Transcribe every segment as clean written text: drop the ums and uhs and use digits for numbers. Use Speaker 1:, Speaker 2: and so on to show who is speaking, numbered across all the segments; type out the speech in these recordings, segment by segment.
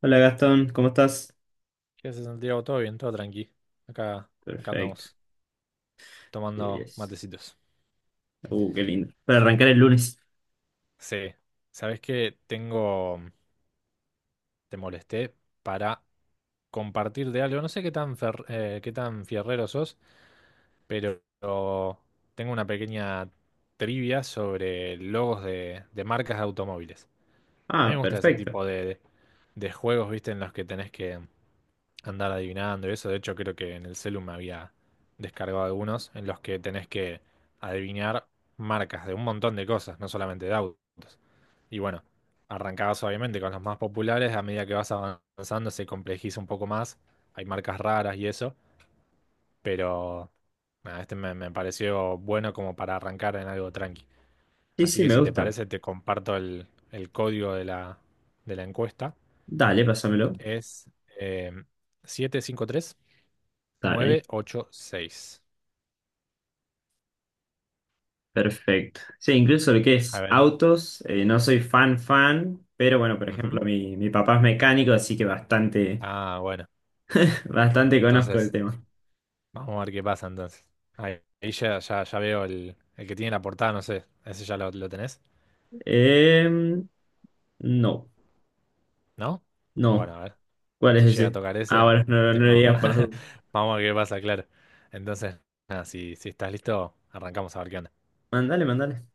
Speaker 1: Hola Gastón, ¿cómo estás?
Speaker 2: ¿Qué haces, Santiago? ¿Todo bien? ¿Todo tranqui? Acá, acá
Speaker 1: Perfecto.
Speaker 2: andamos, tomando
Speaker 1: Yes.
Speaker 2: matecitos.
Speaker 1: Qué lindo. Para arrancar el lunes.
Speaker 2: Sí. ¿Sabés qué? Te molesté para compartir de algo. No sé qué tan fierrero sos, pero tengo una pequeña trivia sobre logos de, marcas de automóviles. A mí
Speaker 1: Ah,
Speaker 2: me gusta ese
Speaker 1: perfecto.
Speaker 2: tipo de juegos, ¿viste? En los que tenés que andar adivinando y eso. De hecho, creo que en el celu me había descargado algunos en los que tenés que adivinar marcas de un montón de cosas, no solamente de autos. Y bueno, arrancabas obviamente con los más populares, a medida que vas avanzando se complejiza un poco más, hay marcas raras y eso, pero nada, este me pareció bueno como para arrancar en algo tranqui.
Speaker 1: Sí,
Speaker 2: Así
Speaker 1: sí,
Speaker 2: que
Speaker 1: me
Speaker 2: si te
Speaker 1: gusta.
Speaker 2: parece, te comparto el, código de la encuesta.
Speaker 1: Dale, pásamelo.
Speaker 2: Es eh, siete cinco tres
Speaker 1: Dale,
Speaker 2: nueve ocho seis
Speaker 1: perfecto. Sí, incluso lo que
Speaker 2: A
Speaker 1: es
Speaker 2: ver.
Speaker 1: autos, no soy fan fan, pero bueno, por ejemplo,
Speaker 2: Ujú.
Speaker 1: mi papá es mecánico, así que bastante,
Speaker 2: Ah, bueno.
Speaker 1: bastante conozco el
Speaker 2: Entonces,
Speaker 1: tema.
Speaker 2: vamos a ver qué pasa entonces. Ahí ya veo el que tiene la portada, no sé. ¿Ese ya lo tenés?
Speaker 1: Em, no,
Speaker 2: ¿No? Bueno,
Speaker 1: no.
Speaker 2: a ver.
Speaker 1: ¿Cuál es
Speaker 2: Si llega a
Speaker 1: ese?
Speaker 2: tocar
Speaker 1: Ah,
Speaker 2: ese,
Speaker 1: bueno, no, no lo
Speaker 2: tengo.
Speaker 1: digas por su.
Speaker 2: Vamos a ver qué pasa, claro. Entonces, nada, si estás listo, arrancamos a ver qué onda.
Speaker 1: Mandale, mandale.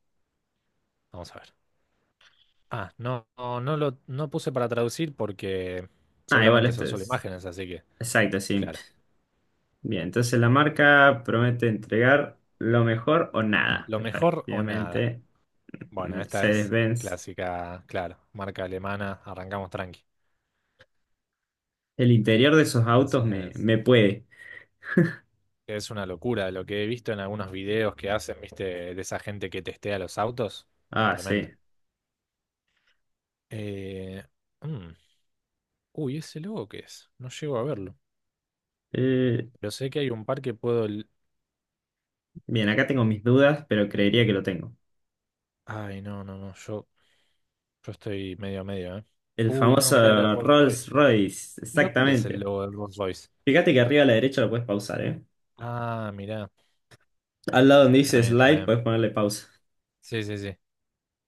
Speaker 2: Vamos a ver. Ah, no, no, no lo no puse para traducir porque
Speaker 1: Ah, igual
Speaker 2: seguramente son
Speaker 1: este
Speaker 2: solo
Speaker 1: es.
Speaker 2: imágenes, así que,
Speaker 1: Exacto, sí.
Speaker 2: claro.
Speaker 1: Bien, entonces la marca promete entregar lo mejor o nada.
Speaker 2: Lo mejor o nada.
Speaker 1: Efectivamente,
Speaker 2: Bueno, esta es
Speaker 1: Mercedes-Benz.
Speaker 2: clásica, claro, marca alemana, arrancamos tranqui.
Speaker 1: El interior de esos autos me,
Speaker 2: Entonces,
Speaker 1: me puede.
Speaker 2: es una locura lo que he visto en algunos videos que hacen, viste, de esa gente que testea los autos.
Speaker 1: Ah,
Speaker 2: Tremendo.
Speaker 1: sí.
Speaker 2: Eh, mm, Uy, ¿ese logo qué es? No llego a verlo.
Speaker 1: Eh,
Speaker 2: Pero sé que hay un par que puedo.
Speaker 1: Bien, acá tengo mis dudas, pero creería que lo tengo.
Speaker 2: Ay, no, no, no, yo, estoy medio a medio, ¿eh?
Speaker 1: El
Speaker 2: Uy, no,
Speaker 1: famoso
Speaker 2: mirá, era Rolls Royce.
Speaker 1: Rolls-Royce,
Speaker 2: ¿Pero cuál es el
Speaker 1: exactamente.
Speaker 2: logo del Rolls Royce?
Speaker 1: Fíjate que arriba a la derecha lo puedes pausar, ¿eh?
Speaker 2: Ah, mirá,
Speaker 1: Al lado donde
Speaker 2: está
Speaker 1: dice
Speaker 2: bien, está
Speaker 1: slide,
Speaker 2: bien.
Speaker 1: puedes ponerle pausa.
Speaker 2: Sí, sí, sí.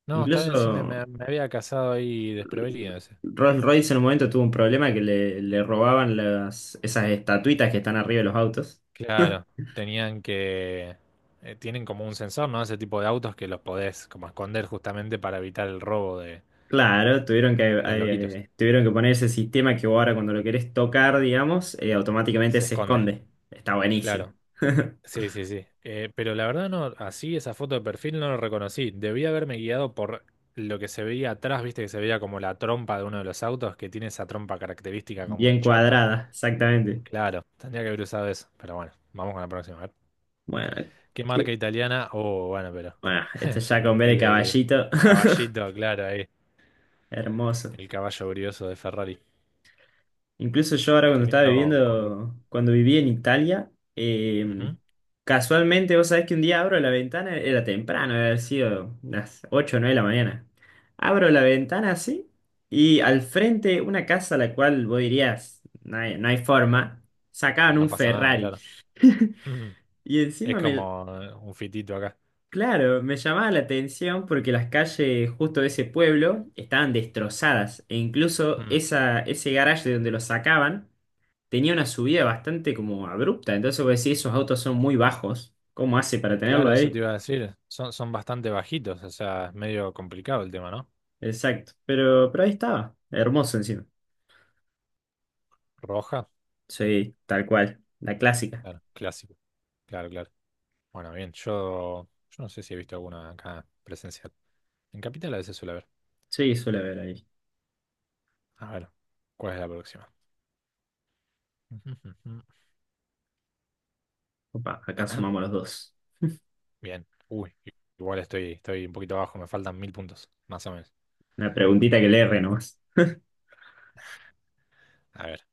Speaker 2: No, está
Speaker 1: Incluso
Speaker 2: bien, sí, me había casado ahí desprevenido ese.
Speaker 1: Rolls-Royce en un momento tuvo un problema que le robaban las, esas estatuitas que están arriba de los autos.
Speaker 2: Claro, tenían que... tienen como un sensor, ¿no? Ese tipo de autos que los podés como esconder justamente para evitar el robo de,
Speaker 1: Claro, tuvieron que,
Speaker 2: de los lobitos.
Speaker 1: eh, tuvieron que poner ese sistema que vos ahora cuando lo querés tocar, digamos, automáticamente
Speaker 2: Se
Speaker 1: se
Speaker 2: esconde,
Speaker 1: esconde. Está buenísimo.
Speaker 2: claro. Sí, sí, sí. Pero la verdad no, así esa foto de perfil no lo reconocí. Debí haberme guiado por lo que se veía atrás, viste que se veía como la trompa de uno de los autos, que tiene esa trompa característica como
Speaker 1: Bien
Speaker 2: chata.
Speaker 1: cuadrada, exactamente.
Speaker 2: Claro, tendría que haber usado eso. Pero bueno, vamos con la próxima. A ver.
Speaker 1: Bueno,
Speaker 2: ¿Qué
Speaker 1: ¿qué?
Speaker 2: marca italiana? Oh, bueno, pero...
Speaker 1: Bueno, este ya con B de
Speaker 2: El
Speaker 1: caballito.
Speaker 2: caballito, claro, ahí.
Speaker 1: Hermoso.
Speaker 2: El caballo brioso de Ferrari.
Speaker 1: Incluso yo ahora
Speaker 2: Qué
Speaker 1: cuando estaba
Speaker 2: lindo color.
Speaker 1: viviendo, cuando viví en Italia,
Speaker 2: Ujú.
Speaker 1: casualmente vos sabés que un día abro la ventana, era temprano, debe haber sido las 8 o 9 de la mañana. Abro la ventana así y al frente una casa a la cual vos dirías, no hay forma, sacaban
Speaker 2: No
Speaker 1: un
Speaker 2: pasa nada,
Speaker 1: Ferrari.
Speaker 2: claro.
Speaker 1: Y
Speaker 2: Es
Speaker 1: encima me,
Speaker 2: como un fitito acá.
Speaker 1: claro, me llamaba la atención porque las calles justo de ese pueblo estaban destrozadas e incluso
Speaker 2: Mm.
Speaker 1: ese garaje de donde lo sacaban tenía una subida bastante como abrupta. Entonces vos decís, esos autos son muy bajos. ¿Cómo hace para tenerlo
Speaker 2: Claro, eso
Speaker 1: ahí?
Speaker 2: te iba a decir. Son bastante bajitos, o sea, es medio complicado el tema, ¿no?
Speaker 1: Exacto. Pero ahí estaba. Hermoso encima.
Speaker 2: Roja,
Speaker 1: Sí, tal cual. La clásica.
Speaker 2: claro, clásico. Claro, claro. Bueno, bien, yo, no sé si he visto alguna acá presencial. En Capital a veces suele haber.
Speaker 1: Sí, suele haber ahí.
Speaker 2: A ver, ¿cuál es la próxima?
Speaker 1: Opa, acá sumamos los dos.
Speaker 2: Bien. Uy, igual estoy un poquito abajo, me faltan 1.000 puntos, más o menos.
Speaker 1: Una preguntita que le erre nomás.
Speaker 2: A ver.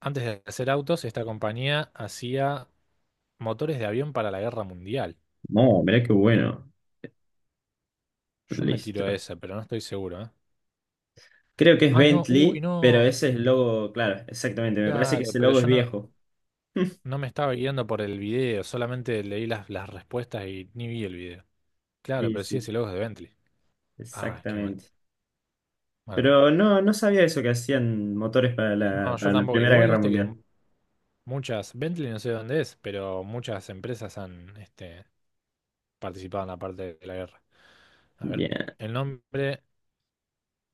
Speaker 2: Antes de hacer autos, esta compañía hacía motores de avión para la guerra mundial.
Speaker 1: No, mirá qué bueno.
Speaker 2: Yo me tiro
Speaker 1: Listo.
Speaker 2: esa, pero no estoy seguro, ¿eh?
Speaker 1: Creo que es
Speaker 2: Ay, no, uy,
Speaker 1: Bentley, pero
Speaker 2: no.
Speaker 1: ese es el logo, claro, exactamente. Me parece que
Speaker 2: Claro,
Speaker 1: ese
Speaker 2: pero
Speaker 1: logo es
Speaker 2: yo no,
Speaker 1: viejo.
Speaker 2: no me estaba guiando por el video, solamente leí las respuestas y ni vi el video. Claro,
Speaker 1: Sí,
Speaker 2: pero sí
Speaker 1: sí,
Speaker 2: ese logo es de Bentley. Ah, qué mal,
Speaker 1: exactamente.
Speaker 2: mala mía.
Speaker 1: Pero no, no sabía eso que hacían motores para
Speaker 2: No,
Speaker 1: la,
Speaker 2: yo
Speaker 1: para la
Speaker 2: tampoco.
Speaker 1: Primera
Speaker 2: Igual
Speaker 1: Guerra
Speaker 2: viste que m-
Speaker 1: Mundial.
Speaker 2: muchas, Bentley no sé dónde es, pero muchas empresas han participado en la parte de la guerra. A ver,
Speaker 1: Bien.
Speaker 2: el nombre,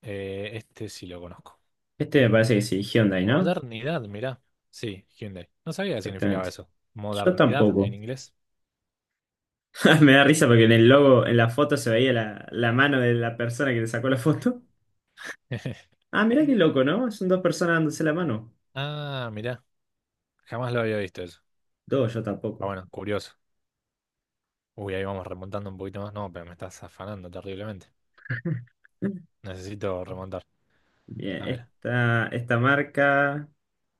Speaker 2: este sí lo conozco.
Speaker 1: Este me parece que sí, Hyundai, ¿no?
Speaker 2: Modernidad, mirá. Sí, Hyundai. No sabía qué significaba
Speaker 1: Exactamente.
Speaker 2: eso.
Speaker 1: Yo
Speaker 2: Modernidad en
Speaker 1: tampoco.
Speaker 2: inglés.
Speaker 1: Me da risa porque en el logo, en la foto se veía la mano de la persona que le sacó la foto. Ah, mirá qué loco, ¿no? Son dos personas dándose la mano.
Speaker 2: Ah, mirá. Jamás lo había visto eso.
Speaker 1: Dos, yo
Speaker 2: Ah,
Speaker 1: tampoco.
Speaker 2: bueno, curioso. Uy, ahí vamos remontando un poquito más. No, pero me estás afanando terriblemente. Necesito remontar.
Speaker 1: Bien,
Speaker 2: A ver.
Speaker 1: esta marca,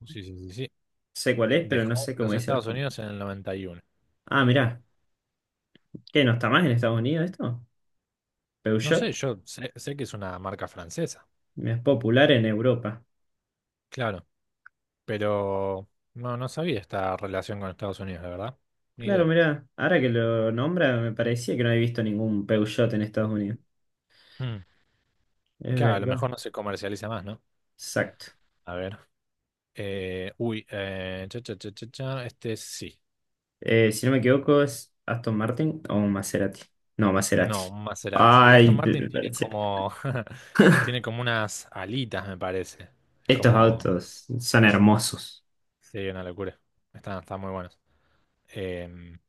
Speaker 2: Sí, sí, sí, sí.
Speaker 1: sé cuál es, pero no
Speaker 2: Dejó
Speaker 1: sé cómo
Speaker 2: los
Speaker 1: dice la
Speaker 2: Estados
Speaker 1: punta.
Speaker 2: Unidos en el 91.
Speaker 1: Ah, mirá, ¿qué no está más en Estados Unidos esto?
Speaker 2: No
Speaker 1: Peugeot
Speaker 2: sé, yo sé, que es una marca francesa.
Speaker 1: es popular en Europa.
Speaker 2: Claro. Pero no sabía esta relación con Estados Unidos, la verdad. Ni
Speaker 1: Claro,
Speaker 2: idea.
Speaker 1: mirá, ahora que lo nombra, me parecía que no había visto ningún Peugeot en Estados Unidos.
Speaker 2: Hmm.
Speaker 1: Es
Speaker 2: Claro, a lo
Speaker 1: verdad.
Speaker 2: mejor no se comercializa más, ¿no?
Speaker 1: Exacto.
Speaker 2: A ver. Uy, cha, cha, cha, cha, cha, este sí.
Speaker 1: Si no me equivoco, ¿es Aston Martin o un Maserati? No, Maserati.
Speaker 2: No, un Maserati. El Aston
Speaker 1: Ay,
Speaker 2: Martin tiene como, tiene como unas alitas, me parece. Es
Speaker 1: estos
Speaker 2: como,
Speaker 1: autos son hermosos.
Speaker 2: sí, una locura. Están muy buenos. Em,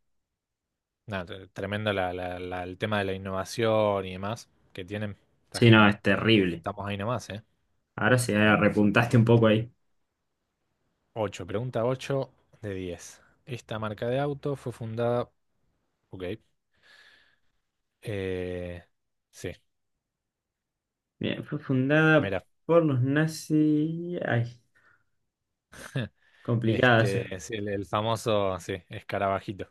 Speaker 2: nada, tremendo el tema de la innovación y demás que tienen. Está
Speaker 1: Sí, no,
Speaker 2: genial.
Speaker 1: es terrible.
Speaker 2: Estamos ahí nomás, ¿eh?
Speaker 1: Ahora sí, ahora repuntaste un poco ahí.
Speaker 2: 8, pregunta 8 de 10. Esta marca de auto fue fundada, ok, eh, sí.
Speaker 1: Bien, fue fundada
Speaker 2: Mira.
Speaker 1: por los nazis. Ay, complicada esa.
Speaker 2: Es el famoso, sí, escarabajito.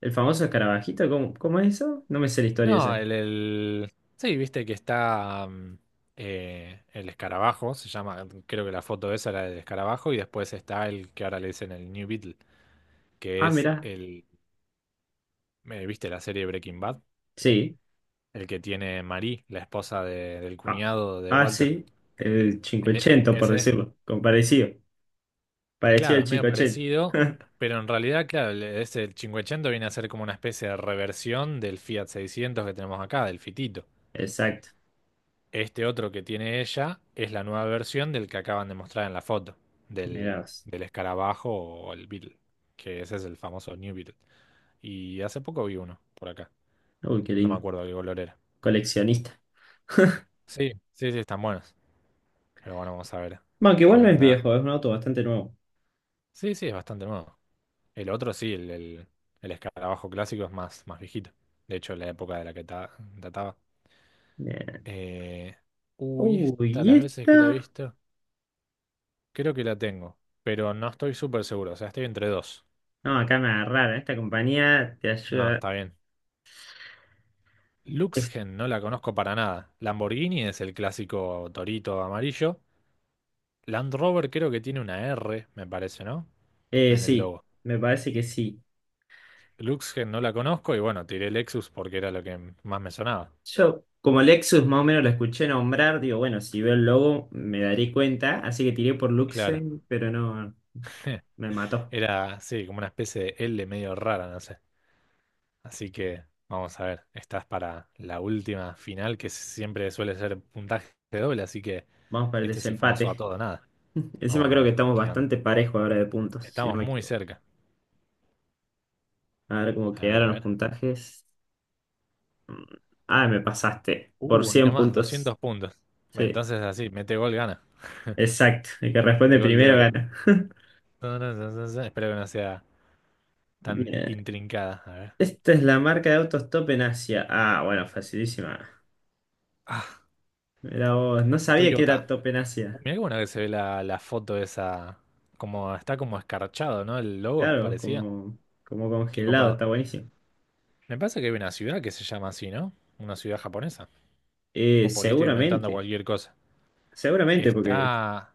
Speaker 1: El famoso escarabajito, ¿cómo es eso? No me sé la historia
Speaker 2: No,
Speaker 1: esa.
Speaker 2: Sí, viste que está el escarabajo, se llama, creo que la foto esa era del escarabajo, y después está el que ahora le dicen el New Beetle, que
Speaker 1: Ah,
Speaker 2: es
Speaker 1: mirá.
Speaker 2: viste la serie Breaking Bad,
Speaker 1: Sí.
Speaker 2: el que tiene Marie, la esposa del
Speaker 1: Ah,
Speaker 2: cuñado de
Speaker 1: ah,
Speaker 2: Walter.
Speaker 1: sí. El
Speaker 2: E- e-
Speaker 1: 580, por
Speaker 2: ese,
Speaker 1: decirlo. Con parecido. Parecido
Speaker 2: claro,
Speaker 1: al
Speaker 2: es medio
Speaker 1: 580.
Speaker 2: parecido, pero en realidad, claro, ese el 580 viene a ser como una especie de reversión del Fiat 600 que tenemos acá, del Fitito.
Speaker 1: Exacto.
Speaker 2: Este otro que tiene ella es la nueva versión del que acaban de mostrar en la foto,
Speaker 1: Mirá
Speaker 2: del,
Speaker 1: vos.
Speaker 2: del escarabajo o el Beetle, que ese es el famoso New Beetle. Y hace poco vi uno por acá,
Speaker 1: Uy, qué
Speaker 2: no me
Speaker 1: lindo.
Speaker 2: acuerdo qué color era.
Speaker 1: Coleccionista.
Speaker 2: Sí, sí, sí, están buenos. Pero bueno, vamos a ver
Speaker 1: Bueno, que igual
Speaker 2: qué
Speaker 1: no es
Speaker 2: onda.
Speaker 1: viejo, es un auto bastante nuevo.
Speaker 2: Sí, sí, es bastante nuevo. El otro sí, el escarabajo clásico es más viejito. De hecho, la época de la que databa.
Speaker 1: Eh,
Speaker 2: Eh, uy,
Speaker 1: Uy,
Speaker 2: esta,
Speaker 1: ¿y
Speaker 2: las veces que la he
Speaker 1: esta?
Speaker 2: visto, creo que la tengo, pero no estoy súper seguro, o sea, estoy entre dos.
Speaker 1: No, acá me agarraron. Esta compañía te
Speaker 2: No,
Speaker 1: ayuda.
Speaker 2: está bien.
Speaker 1: Es-
Speaker 2: Luxgen no la conozco para nada. Lamborghini es el clásico torito amarillo. Land Rover creo que tiene una R, me parece, ¿no? En el
Speaker 1: sí,
Speaker 2: logo.
Speaker 1: me parece que sí.
Speaker 2: Luxgen no la conozco y bueno, tiré Lexus porque era lo que más me sonaba.
Speaker 1: Yo, como Lexus más o menos lo escuché nombrar, digo, bueno, si veo el logo me daré cuenta. Así que tiré por
Speaker 2: Claro.
Speaker 1: Luxen, pero no, me mató.
Speaker 2: Era, sí, como una especie de L medio rara, no sé. Así que vamos a ver. Estás para la última final que siempre suele ser puntaje doble, así que
Speaker 1: Vamos para el
Speaker 2: este es el famoso a
Speaker 1: desempate.
Speaker 2: todo o nada.
Speaker 1: Encima
Speaker 2: Vamos a
Speaker 1: creo que
Speaker 2: ver.
Speaker 1: estamos
Speaker 2: ¿Qué onda?
Speaker 1: bastante parejos ahora de puntos, si no
Speaker 2: Estamos
Speaker 1: me
Speaker 2: muy
Speaker 1: equivoco.
Speaker 2: cerca.
Speaker 1: A ver cómo
Speaker 2: A ver, a
Speaker 1: quedaron los
Speaker 2: ver.
Speaker 1: puntajes. Mm, Ah, me pasaste por
Speaker 2: Ahí
Speaker 1: 100
Speaker 2: nomás,
Speaker 1: puntos.
Speaker 2: 200 puntos.
Speaker 1: Sí,
Speaker 2: Entonces así, mete gol, gana.
Speaker 1: exacto. El que
Speaker 2: El
Speaker 1: responde
Speaker 2: gol de
Speaker 1: primero
Speaker 2: oro.
Speaker 1: gana.
Speaker 2: Ta, ta, ta, ta, ta. Espero que no sea tan
Speaker 1: Bien.
Speaker 2: intrincada. A ver.
Speaker 1: Esta es la marca de autos Top en Asia. Ah, bueno, facilísima.
Speaker 2: Ah,
Speaker 1: Mirá vos. No sabía que
Speaker 2: Toyota.
Speaker 1: era Top en Asia.
Speaker 2: Mirá qué bueno que se ve la, foto esa. Como está como escarchado, ¿no? El logo,
Speaker 1: Claro,
Speaker 2: parecía.
Speaker 1: como
Speaker 2: Qué
Speaker 1: congelado,
Speaker 2: copado.
Speaker 1: está buenísimo.
Speaker 2: Me parece que hay una ciudad que se llama así, ¿no? Una ciudad japonesa. O por ahí estoy inventando
Speaker 1: Seguramente.
Speaker 2: cualquier cosa.
Speaker 1: Seguramente, porque.
Speaker 2: Está.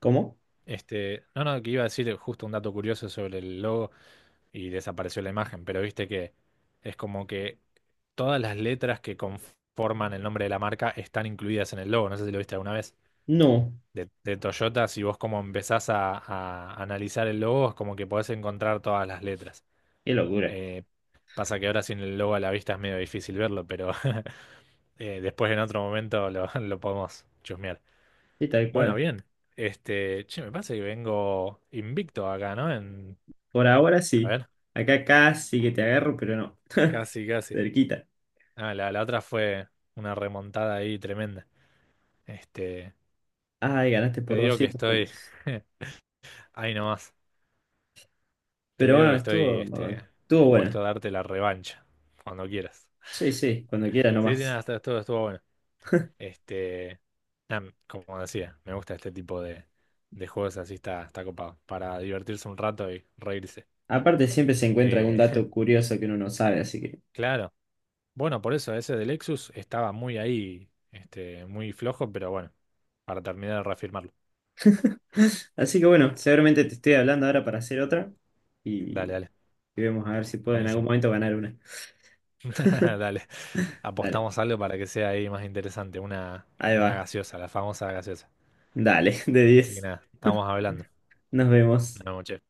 Speaker 1: ¿Cómo?
Speaker 2: No, no, que iba a decir justo un dato curioso sobre el logo. Y desapareció la imagen, pero viste que es como que todas las letras que conforman el nombre de la marca están incluidas en el logo, no sé si lo viste alguna vez.
Speaker 1: No.
Speaker 2: De Toyota, si vos como empezás a analizar el logo, es como que podés encontrar todas las letras.
Speaker 1: Qué locura.
Speaker 2: Eh, pasa que ahora sin el logo a la vista es medio difícil verlo, pero después en otro momento lo, lo podemos chusmear.
Speaker 1: Sí, tal
Speaker 2: Bueno,
Speaker 1: cual.
Speaker 2: bien. Che, me pasa que vengo invicto acá, ¿no? En,
Speaker 1: Por ahora
Speaker 2: a
Speaker 1: sí.
Speaker 2: ver,
Speaker 1: Acá casi que te agarro, pero no.
Speaker 2: casi, casi.
Speaker 1: Cerquita.
Speaker 2: Ah, la otra fue una remontada ahí tremenda. Este,
Speaker 1: Ay, ganaste
Speaker 2: te
Speaker 1: por
Speaker 2: digo que
Speaker 1: 200
Speaker 2: estoy
Speaker 1: puntos.
Speaker 2: ahí nomás. Te
Speaker 1: Pero
Speaker 2: digo
Speaker 1: bueno,
Speaker 2: que estoy
Speaker 1: estuvo, estuvo
Speaker 2: dispuesto
Speaker 1: bueno.
Speaker 2: a darte la revancha cuando quieras.
Speaker 1: Sí, sí, cuando quieras
Speaker 2: Sí, sí, nada,
Speaker 1: nomás.
Speaker 2: esto estuvo bueno. Este, nada, como decía, me gusta este tipo de, juegos así está copado. Para divertirse un rato y reírse.
Speaker 1: Aparte, siempre se encuentra algún
Speaker 2: Eh,
Speaker 1: dato curioso que uno no sabe, así que.
Speaker 2: claro. Bueno, por eso ese de Lexus estaba muy ahí, muy flojo, pero bueno, para terminar de reafirmarlo.
Speaker 1: Así que bueno, seguramente te estoy hablando ahora para hacer otra y,
Speaker 2: Dale, dale.
Speaker 1: y vemos a ver si puedo en algún
Speaker 2: Buenísimo.
Speaker 1: momento ganar una.
Speaker 2: Dale,
Speaker 1: Dale,
Speaker 2: apostamos algo para que sea ahí más interesante, una,
Speaker 1: ahí
Speaker 2: una
Speaker 1: va.
Speaker 2: gaseosa, la famosa gaseosa.
Speaker 1: Dale, de
Speaker 2: Así que
Speaker 1: 10.
Speaker 2: nada, estamos hablando.
Speaker 1: Nos vemos.
Speaker 2: Una noche.